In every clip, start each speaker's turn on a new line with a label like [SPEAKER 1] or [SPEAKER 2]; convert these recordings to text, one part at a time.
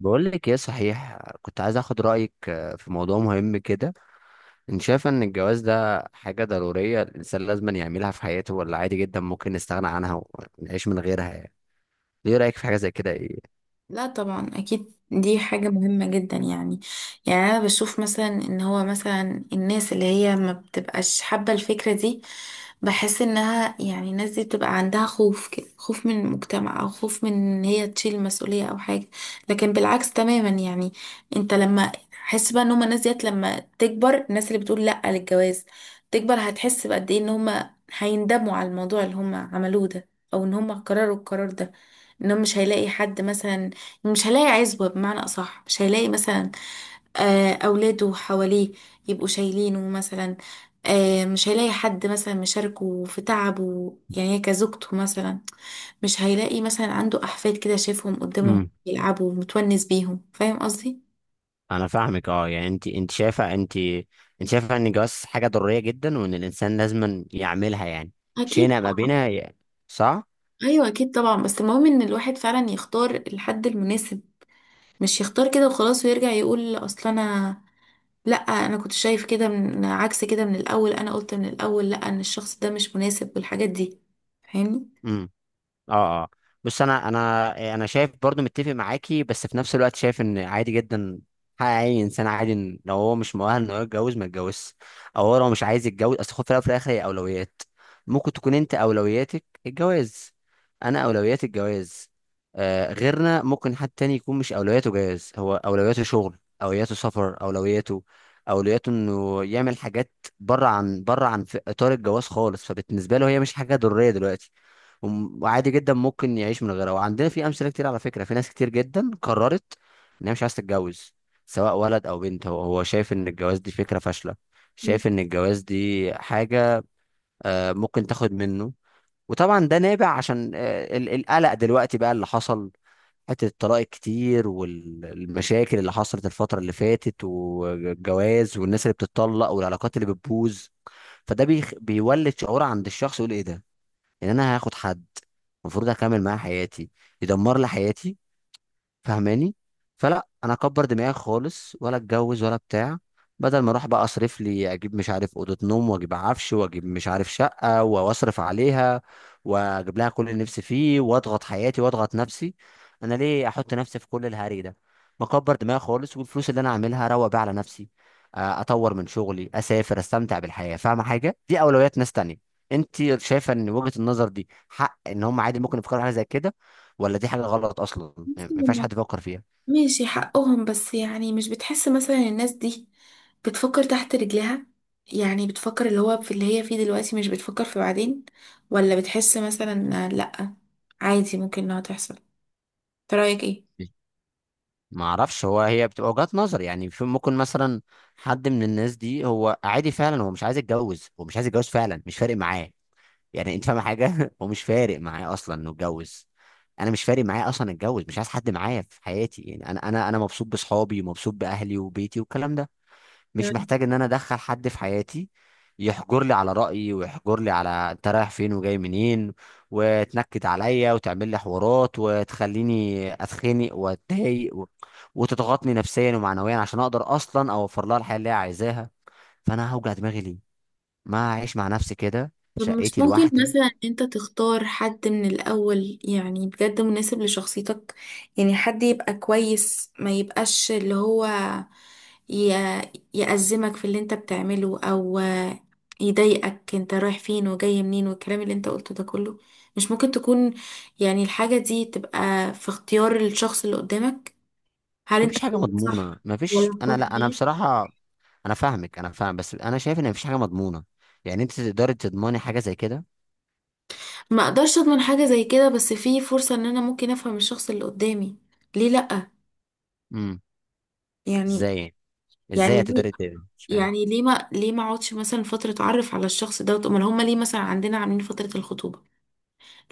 [SPEAKER 1] بقول لك ايه صحيح كنت عايز اخد رايك في موضوع مهم كده. انت شايفه ان الجواز ده حاجه ضروريه الانسان لازم يعملها في حياته، ولا عادي جدا ممكن نستغنى عنها ونعيش من غيرها يعني؟ ايه رايك في حاجه زي كده، ايه؟
[SPEAKER 2] لا طبعا اكيد دي حاجة مهمة جدا يعني. انا بشوف مثلا ان هو مثلا الناس اللي هي ما بتبقاش حابة الفكرة دي. بحس انها يعني الناس دي بتبقى عندها خوف كده، خوف من المجتمع او خوف من ان هي تشيل مسؤولية او حاجة. لكن بالعكس تماما يعني، انت لما حس بقى ان هما الناس ديت لما تكبر، الناس اللي بتقول لا للجواز تكبر، هتحس بقد ايه ان هما هيندموا على الموضوع اللي هما عملوه ده، او ان هما قرروا القرار ده. انهم مش هيلاقي حد مثلا، مش هيلاقي عزوة، بمعنى أصح مش هيلاقي مثلا أولاده حواليه يبقوا شايلينه مثلا. مش هيلاقي حد مثلا مشاركه في تعبه يعني، كزوجته مثلا. مش هيلاقي مثلا عنده أحفاد كده شايفهم قدامه
[SPEAKER 1] امم.
[SPEAKER 2] يلعبوا متونس بيهم. فاهم قصدي؟
[SPEAKER 1] انا فاهمك، يعني انت شايفه انت. انت شايفه ان الجواز حاجه ضروريه جدا، وان الانسان لازم يعملها يعني.
[SPEAKER 2] أكيد
[SPEAKER 1] شئنا ما
[SPEAKER 2] طبعا.
[SPEAKER 1] بينا يعني. صح.
[SPEAKER 2] أيوة أكيد طبعا، بس المهم إن الواحد فعلا يختار الحد المناسب. مش يختار كده وخلاص ويرجع يقول أصل أنا، لا انا كنت شايف كده من عكس كده من الاول، انا قلت من الاول لا ان الشخص ده مش مناسب والحاجات دي. فاهمني؟
[SPEAKER 1] امم. اه، اه. بص، انا. انا شايف برضو متفق معاكي، بس في نفس الوقت شايف ان عادي جدا. حق اي انسان عادي، إن لو هو مش مؤهل ان هو يتجوز ما يتجوزش، او هو لو مش عايز يتجوز. اصل خد في الأول وفي الاخر هي اولويات. ممكن تكون انت اولوياتك الجواز، انا اولوياتي الجواز. غيرنا ممكن حد تاني يكون مش اولوياته جواز، هو اولوياته شغل، اولوياته سفر، اولوياته انه يعمل حاجات بره عن في اطار الجواز خالص. فبالنسبه له هي مش حاجه ضروريه دلوقتي. وعادي جدا ممكن يعيش من غيرها. وعندنا في امثله كتير، على فكره، في ناس كتير جدا قررت ان هي مش عايزه تتجوز، سواء ولد او بنت. هو شايف ان الجواز دي فكره فاشله.
[SPEAKER 2] مم.
[SPEAKER 1] شايف ان الجواز دي حاجه ممكن تاخد منه. وطبعا ده نابع عشان القلق دلوقتي بقى اللي حصل، حته الطلاق الكتير والمشاكل اللي حصلت الفتره اللي فاتت، والجواز والناس اللي بتتطلق والعلاقات اللي بتبوظ. فده بيولد شعور عند الشخص، يقول ايه ده؟ ان انا هاخد حد المفروض اكمل معاه حياتي يدمر لي حياتي؟ فاهماني؟ فلا انا اكبر دماغي خالص، ولا اتجوز ولا بتاع. بدل ما اروح بقى اصرف لي، اجيب مش عارف اوضه نوم، واجيب عفش، واجيب مش عارف شقه، واصرف عليها، واجيب لها كل اللي نفسي فيه، واضغط حياتي واضغط نفسي. انا ليه احط نفسي في كل الهري ده؟ مكبر دماغي خالص، والفلوس اللي انا اعملها اروق بيها على نفسي، اطور من شغلي، اسافر، استمتع بالحياه. فاهمه؟ حاجه دي اولويات ناس تانية. انت شايفه ان وجهه النظر دي حق، ان هم عادي ممكن يفكروا في حاجه زي كده، ولا دي حاجة غلط أصلا
[SPEAKER 2] بس
[SPEAKER 1] يعني ما ينفعش
[SPEAKER 2] لما-
[SPEAKER 1] حد يفكر فيها؟
[SPEAKER 2] ماشي حقهم، بس يعني مش بتحس مثلا الناس دي بتفكر تحت رجلها؟ يعني بتفكر اللي هو في اللي هي فيه دلوقتي، مش بتفكر في بعدين. ولا بتحس مثلا لا، عادي ممكن انها تحصل. انت رايك ايه؟
[SPEAKER 1] ما اعرفش، هو هي بتبقى وجهات نظر يعني. في ممكن مثلا حد من الناس دي هو عادي فعلا، هو مش عايز يتجوز، هو مش عايز يتجوز فعلا، مش فارق معاه يعني. انت فاهم حاجة؟ هو مش فارق معاه اصلا انه يتجوز. انا مش فارق معايا اصلا اتجوز، مش عايز حد معايا في حياتي يعني. انا مبسوط بصحابي، ومبسوط باهلي وبيتي والكلام ده، مش محتاج ان انا ادخل حد في حياتي يحجر لي على رأيي، ويحجر لي على انت رايح فين وجاي منين، وتنكد عليا، وتعمل لي حوارات، وتخليني اتخنق واتضايق، وتضغطني نفسيا ومعنويا، عشان اقدر اصلا اوفر لها الحياة اللي هي عايزاها. فانا هوجع دماغي ليه؟ ما اعيش مع نفسي كده في
[SPEAKER 2] طب مش
[SPEAKER 1] شقتي
[SPEAKER 2] ممكن
[SPEAKER 1] لوحدي.
[SPEAKER 2] مثلا إن انت تختار حد من الاول يعني بجد مناسب لشخصيتك؟ يعني حد يبقى كويس، ما يبقاش اللي هو ي- يأزمك في اللي انت بتعمله، او يضايقك انت رايح فين وجاي منين والكلام اللي انت قلته ده كله. مش ممكن تكون يعني الحاجة دي تبقى في اختيار الشخص اللي قدامك، هل انت
[SPEAKER 1] مفيش حاجة
[SPEAKER 2] اخترت
[SPEAKER 1] مضمونة،
[SPEAKER 2] صح ولا
[SPEAKER 1] مفيش،
[SPEAKER 2] اخترت
[SPEAKER 1] انا لا، انا
[SPEAKER 2] غلط؟
[SPEAKER 1] بصراحة. انا فاهمك، انا فاهم، بس انا شايف ان مفيش حاجة مضمونة. يعني انت تقدري تضمني حاجة زي كده؟
[SPEAKER 2] ما اقدرش اضمن حاجة زي كده، بس في فرصة ان انا ممكن افهم الشخص اللي قدامي، ليه لأ؟
[SPEAKER 1] امم.
[SPEAKER 2] يعني
[SPEAKER 1] ازاي يعني؟
[SPEAKER 2] يعني
[SPEAKER 1] ازاي
[SPEAKER 2] ليه
[SPEAKER 1] هتقدري مش فاهم.
[SPEAKER 2] يعني ليه ما ليه ما اقعدش مثلا فتره اتعرف على الشخص ده؟ امال هم ليه مثلا عندنا عاملين فتره الخطوبه؟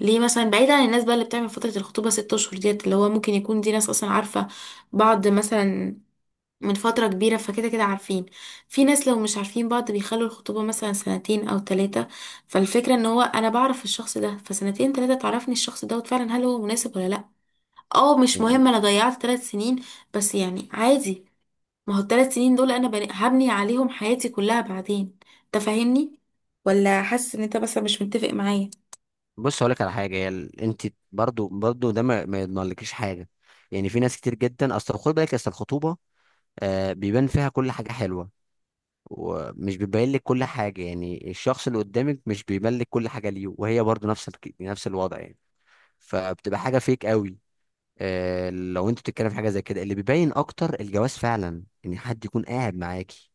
[SPEAKER 2] ليه مثلا بعيد عن الناس بقى اللي بتعمل فتره الخطوبه ست اشهر ديت، اللي هو ممكن يكون دي ناس اصلا عارفه بعض مثلا من فتره كبيره، فكده كده عارفين. في ناس لو مش عارفين بعض بيخلوا الخطوبه مثلا سنتين او ثلاثه. فالفكره ان هو انا بعرف الشخص ده فسنتين ثلاثه، تعرفني الشخص دوت فعلا هل هو مناسب ولا لا. اه مش مهم انا ضيعت ثلاث سنين، بس يعني عادي. ما هو الثلاث سنين دول انا هبني عليهم حياتي كلها بعدين. انت فاهمني، ولا حاسس ان انت مثلا مش متفق معايا؟
[SPEAKER 1] بص، هقول لك على حاجه، هي انت برضو ده ما يضمنلكيش حاجه. يعني في ناس كتير جدا، اصل خد بالك، اصل الخطوبه بيبان فيها كل حاجه حلوه، ومش بيبين لك كل حاجه، يعني الشخص اللي قدامك مش بيبين لك كل حاجه ليه، وهي برضو نفس نفس الوضع يعني. فبتبقى حاجه فيك قوي، لو انت بتتكلم في حاجه زي كده. اللي بيبين اكتر الجواز فعلا، ان حد يكون قاعد معاكي،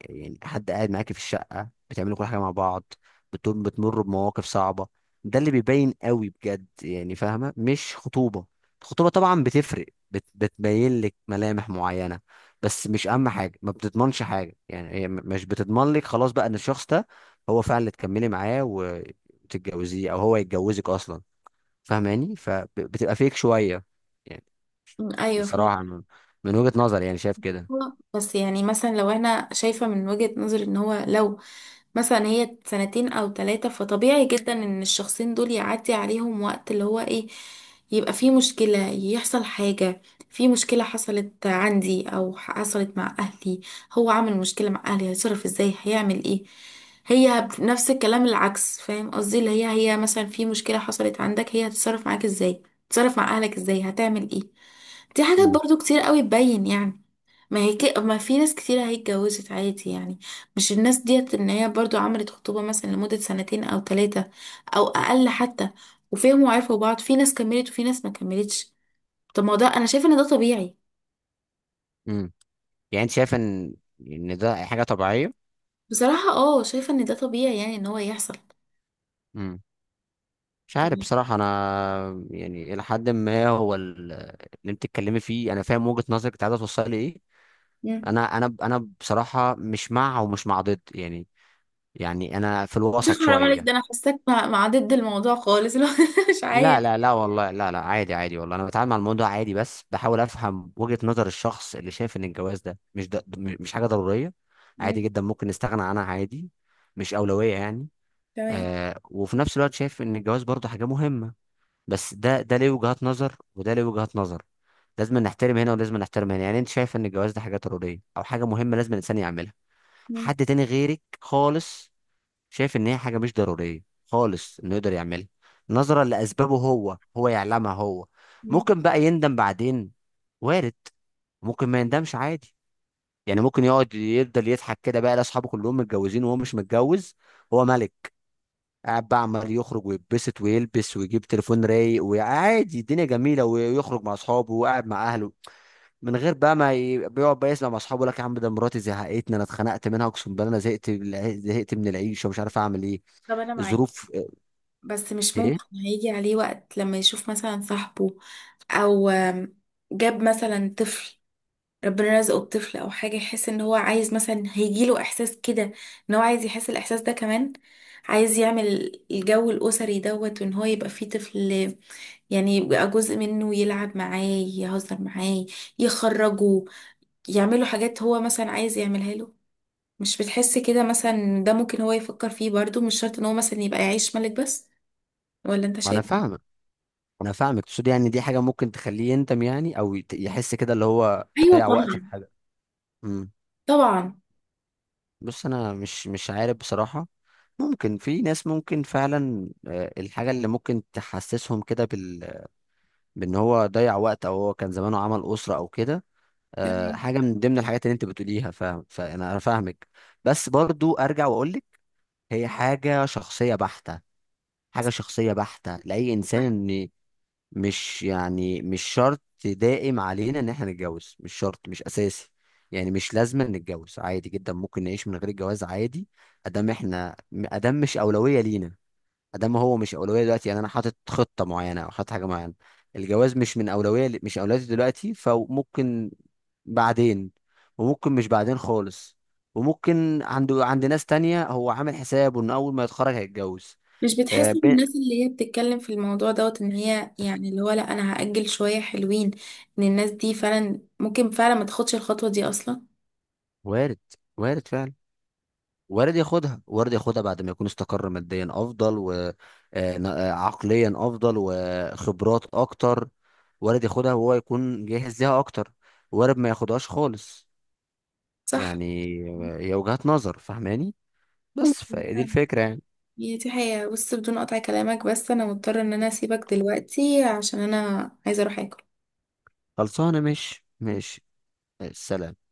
[SPEAKER 1] يعني حد قاعد معاكي في الشقة، بتعملوا كل حاجة مع بعض، بتمروا بمواقف صعبة، ده اللي بيبين قوي بجد يعني، فاهمة؟ مش خطوبة. الخطوبة طبعا بتفرق، بتبين لك ملامح معينة، بس مش أهم حاجة، ما بتضمنش حاجة، يعني هي مش بتضمن لك خلاص بقى إن الشخص ده هو فعلا اللي تكملي معاه وتتجوزيه، أو هو يتجوزك أصلا. فاهماني؟ فبتبقى فيك شوية يعني.
[SPEAKER 2] ايوه فهمت.
[SPEAKER 1] بصراحة من وجهة نظري، يعني شايف كده.
[SPEAKER 2] بس يعني مثلا لو انا شايفة من وجهة نظري ان هو لو مثلا هي سنتين او ثلاثة، فطبيعي جدا ان الشخصين دول يعدي عليهم وقت اللي هو ايه، يبقى في مشكلة، يحصل حاجة، في مشكلة حصلت عندي او حصلت مع اهلي، هو عامل مشكلة مع اهلي هيتصرف ازاي، هيعمل ايه. هي نفس الكلام العكس، فاهم قصدي اللي هي، هي مثلا في مشكلة حصلت عندك، هي هتتصرف معاك ازاي، تتصرف مع اهلك ازاي، هتعمل ايه. دي حاجات برضو كتير قوي تبين يعني. ما هي كده، ما في ناس كتير هي اتجوزت عادي يعني، مش الناس ديت ان هي برضو عملت خطوبة مثلا لمدة سنتين او ثلاثة او اقل حتى، وفهموا وعرفوا بعض، في ناس كملت وفي ناس ما كملتش. طب ما هو ده، انا شايفة ان ده طبيعي.
[SPEAKER 1] امم. يعني انت شايف ان ده حاجه طبيعيه.
[SPEAKER 2] بصراحة اه شايفة ان ده طبيعي يعني، ان هو يحصل.
[SPEAKER 1] امم. مش عارف
[SPEAKER 2] فاهمة؟
[SPEAKER 1] بصراحه انا. يعني الى حد ما هو اللي انت بتتكلمي فيه انا فاهم وجهه نظرك، انت عايزه توصلي ايه.
[SPEAKER 2] مم.
[SPEAKER 1] انا بصراحه مش مع ومش مع ضد يعني، يعني انا في
[SPEAKER 2] شوف
[SPEAKER 1] الوسط
[SPEAKER 2] حرام عليك،
[SPEAKER 1] شويه.
[SPEAKER 2] ده انا حاساك مع ضد الموضوع خالص لو مش عارف.
[SPEAKER 1] لا، لا، لا، والله، لا، لا، عادي، عادي، والله انا بتعامل مع الموضوع عادي، بس بحاول افهم وجهه نظر الشخص اللي شايف ان الجواز ده مش ده، مش حاجه ضروريه، عادي
[SPEAKER 2] مم.
[SPEAKER 1] جدا ممكن نستغنى عنها، عادي، مش اولويه يعني.
[SPEAKER 2] تمام.
[SPEAKER 1] وفي نفس الوقت شايف ان الجواز برضه حاجه مهمه، بس ده ليه وجهات نظر، وده ليه وجهات نظر، لازم نحترم هنا ولازم نحترم هنا. يعني انت شايف ان الجواز ده حاجه ضروريه او حاجه مهمه لازم الانسان يعملها،
[SPEAKER 2] مم.
[SPEAKER 1] حد تاني غيرك خالص شايف ان هي حاجه مش ضروريه خالص انه يقدر يعملها، نظرا لاسبابه هو يعلمها هو.
[SPEAKER 2] مم.
[SPEAKER 1] ممكن بقى يندم بعدين، وارد، ممكن ما يندمش عادي يعني. ممكن يقعد يفضل يضحك كده بقى، لاصحابه كلهم متجوزين وهو مش متجوز، هو ملك قاعد بقى عمال يخرج ويتبسط ويلبس، ويجيب تليفون رايق، وعادي الدنيا جميله، ويخرج مع اصحابه وقاعد مع اهله، من غير بقى ما بيقعد بقى يسمع مع اصحابه يقول لك: يا عم، ده مراتي زهقتني، انا اتخنقت منها، اقسم بالله انا زهقت زهقت من العيشه، ومش عارف اعمل ايه،
[SPEAKER 2] طب انا معاك،
[SPEAKER 1] الظروف.
[SPEAKER 2] بس مش
[SPEAKER 1] ايه.
[SPEAKER 2] ممكن هيجي عليه وقت لما يشوف مثلا صاحبه او جاب مثلا طفل، ربنا رزقه بطفل او حاجه، يحس ان هو عايز مثلا؟ هيجيله احساس كده ان هو عايز يحس الاحساس ده كمان، عايز يعمل الجو الاسري دوت وان هو يبقى فيه طفل، يعني يبقى جزء منه يلعب معاه، يهزر معاه، يخرجه، يعمله حاجات هو مثلا عايز يعملها له. مش بتحس كده مثلا؟ ده ممكن هو يفكر فيه برضو، مش شرط ان هو مثلا يبقى يعيش ملك بس. ولا انت
[SPEAKER 1] انا
[SPEAKER 2] شايف؟
[SPEAKER 1] فاهمك، انا فاهمك، تقصد يعني دي حاجه ممكن تخليه يندم يعني، او يحس كده اللي هو
[SPEAKER 2] ايوه
[SPEAKER 1] ضيع وقت في
[SPEAKER 2] طبعا.
[SPEAKER 1] حاجه. امم.
[SPEAKER 2] طبعا.
[SPEAKER 1] بص انا مش عارف بصراحه. ممكن في ناس ممكن فعلا، الحاجه اللي ممكن تحسسهم كده بال، بان هو ضيع وقت، او هو كان زمانه عمل اسره او كده.
[SPEAKER 2] يعني
[SPEAKER 1] حاجه من ضمن الحاجات اللي انت بتقوليها، فاهم، فانا فاهمك. بس برضو ارجع واقول لك، هي حاجه شخصيه بحته، حاجه شخصيه بحته لاي انسان، ان مش يعني مش شرط دائم علينا ان احنا نتجوز، مش شرط مش اساسي، يعني مش لازم نتجوز عادي جدا ممكن نعيش من غير الجواز عادي. ادام احنا، ادام مش اولويه لينا، ادام هو مش اولويه دلوقتي، يعني انا حاطط خطه معينه او حاطط حاجه معينه، الجواز مش من اولويه مش اولويتي دلوقتي، فممكن بعدين، وممكن مش بعدين خالص، وممكن عند ناس تانية هو عامل حسابه ان اول ما يتخرج هيتجوز.
[SPEAKER 2] مش
[SPEAKER 1] آه،
[SPEAKER 2] بتحس ان
[SPEAKER 1] ب-
[SPEAKER 2] الناس اللي هي بتتكلم في الموضوع دوت، ان هي يعني اللي هو لا انا هأجل شوية حلوين، ان الناس دي فعلا ممكن فعلا ما تاخدش الخطوة دي اصلا؟
[SPEAKER 1] وارد، وارد فعلا، وارد ياخدها، وارد ياخدها بعد ما يكون استقر ماديا افضل، وعقليا افضل وخبرات اكتر، وارد ياخدها وهو يكون جاهز ليها اكتر، وارد ما ياخدهاش خالص
[SPEAKER 2] صح.
[SPEAKER 1] يعني. هي وجهات نظر، فاهماني؟ بس
[SPEAKER 2] ممكن
[SPEAKER 1] فدي
[SPEAKER 2] فعلا.
[SPEAKER 1] الفكرة يعني.
[SPEAKER 2] هي دي حقيقة. بص، بدون قطع كلامك بس انا مضطرة ان انا اسيبك دلوقتي عشان انا عايزة اروح اكل.
[SPEAKER 1] خلصانة؟ مش السلام.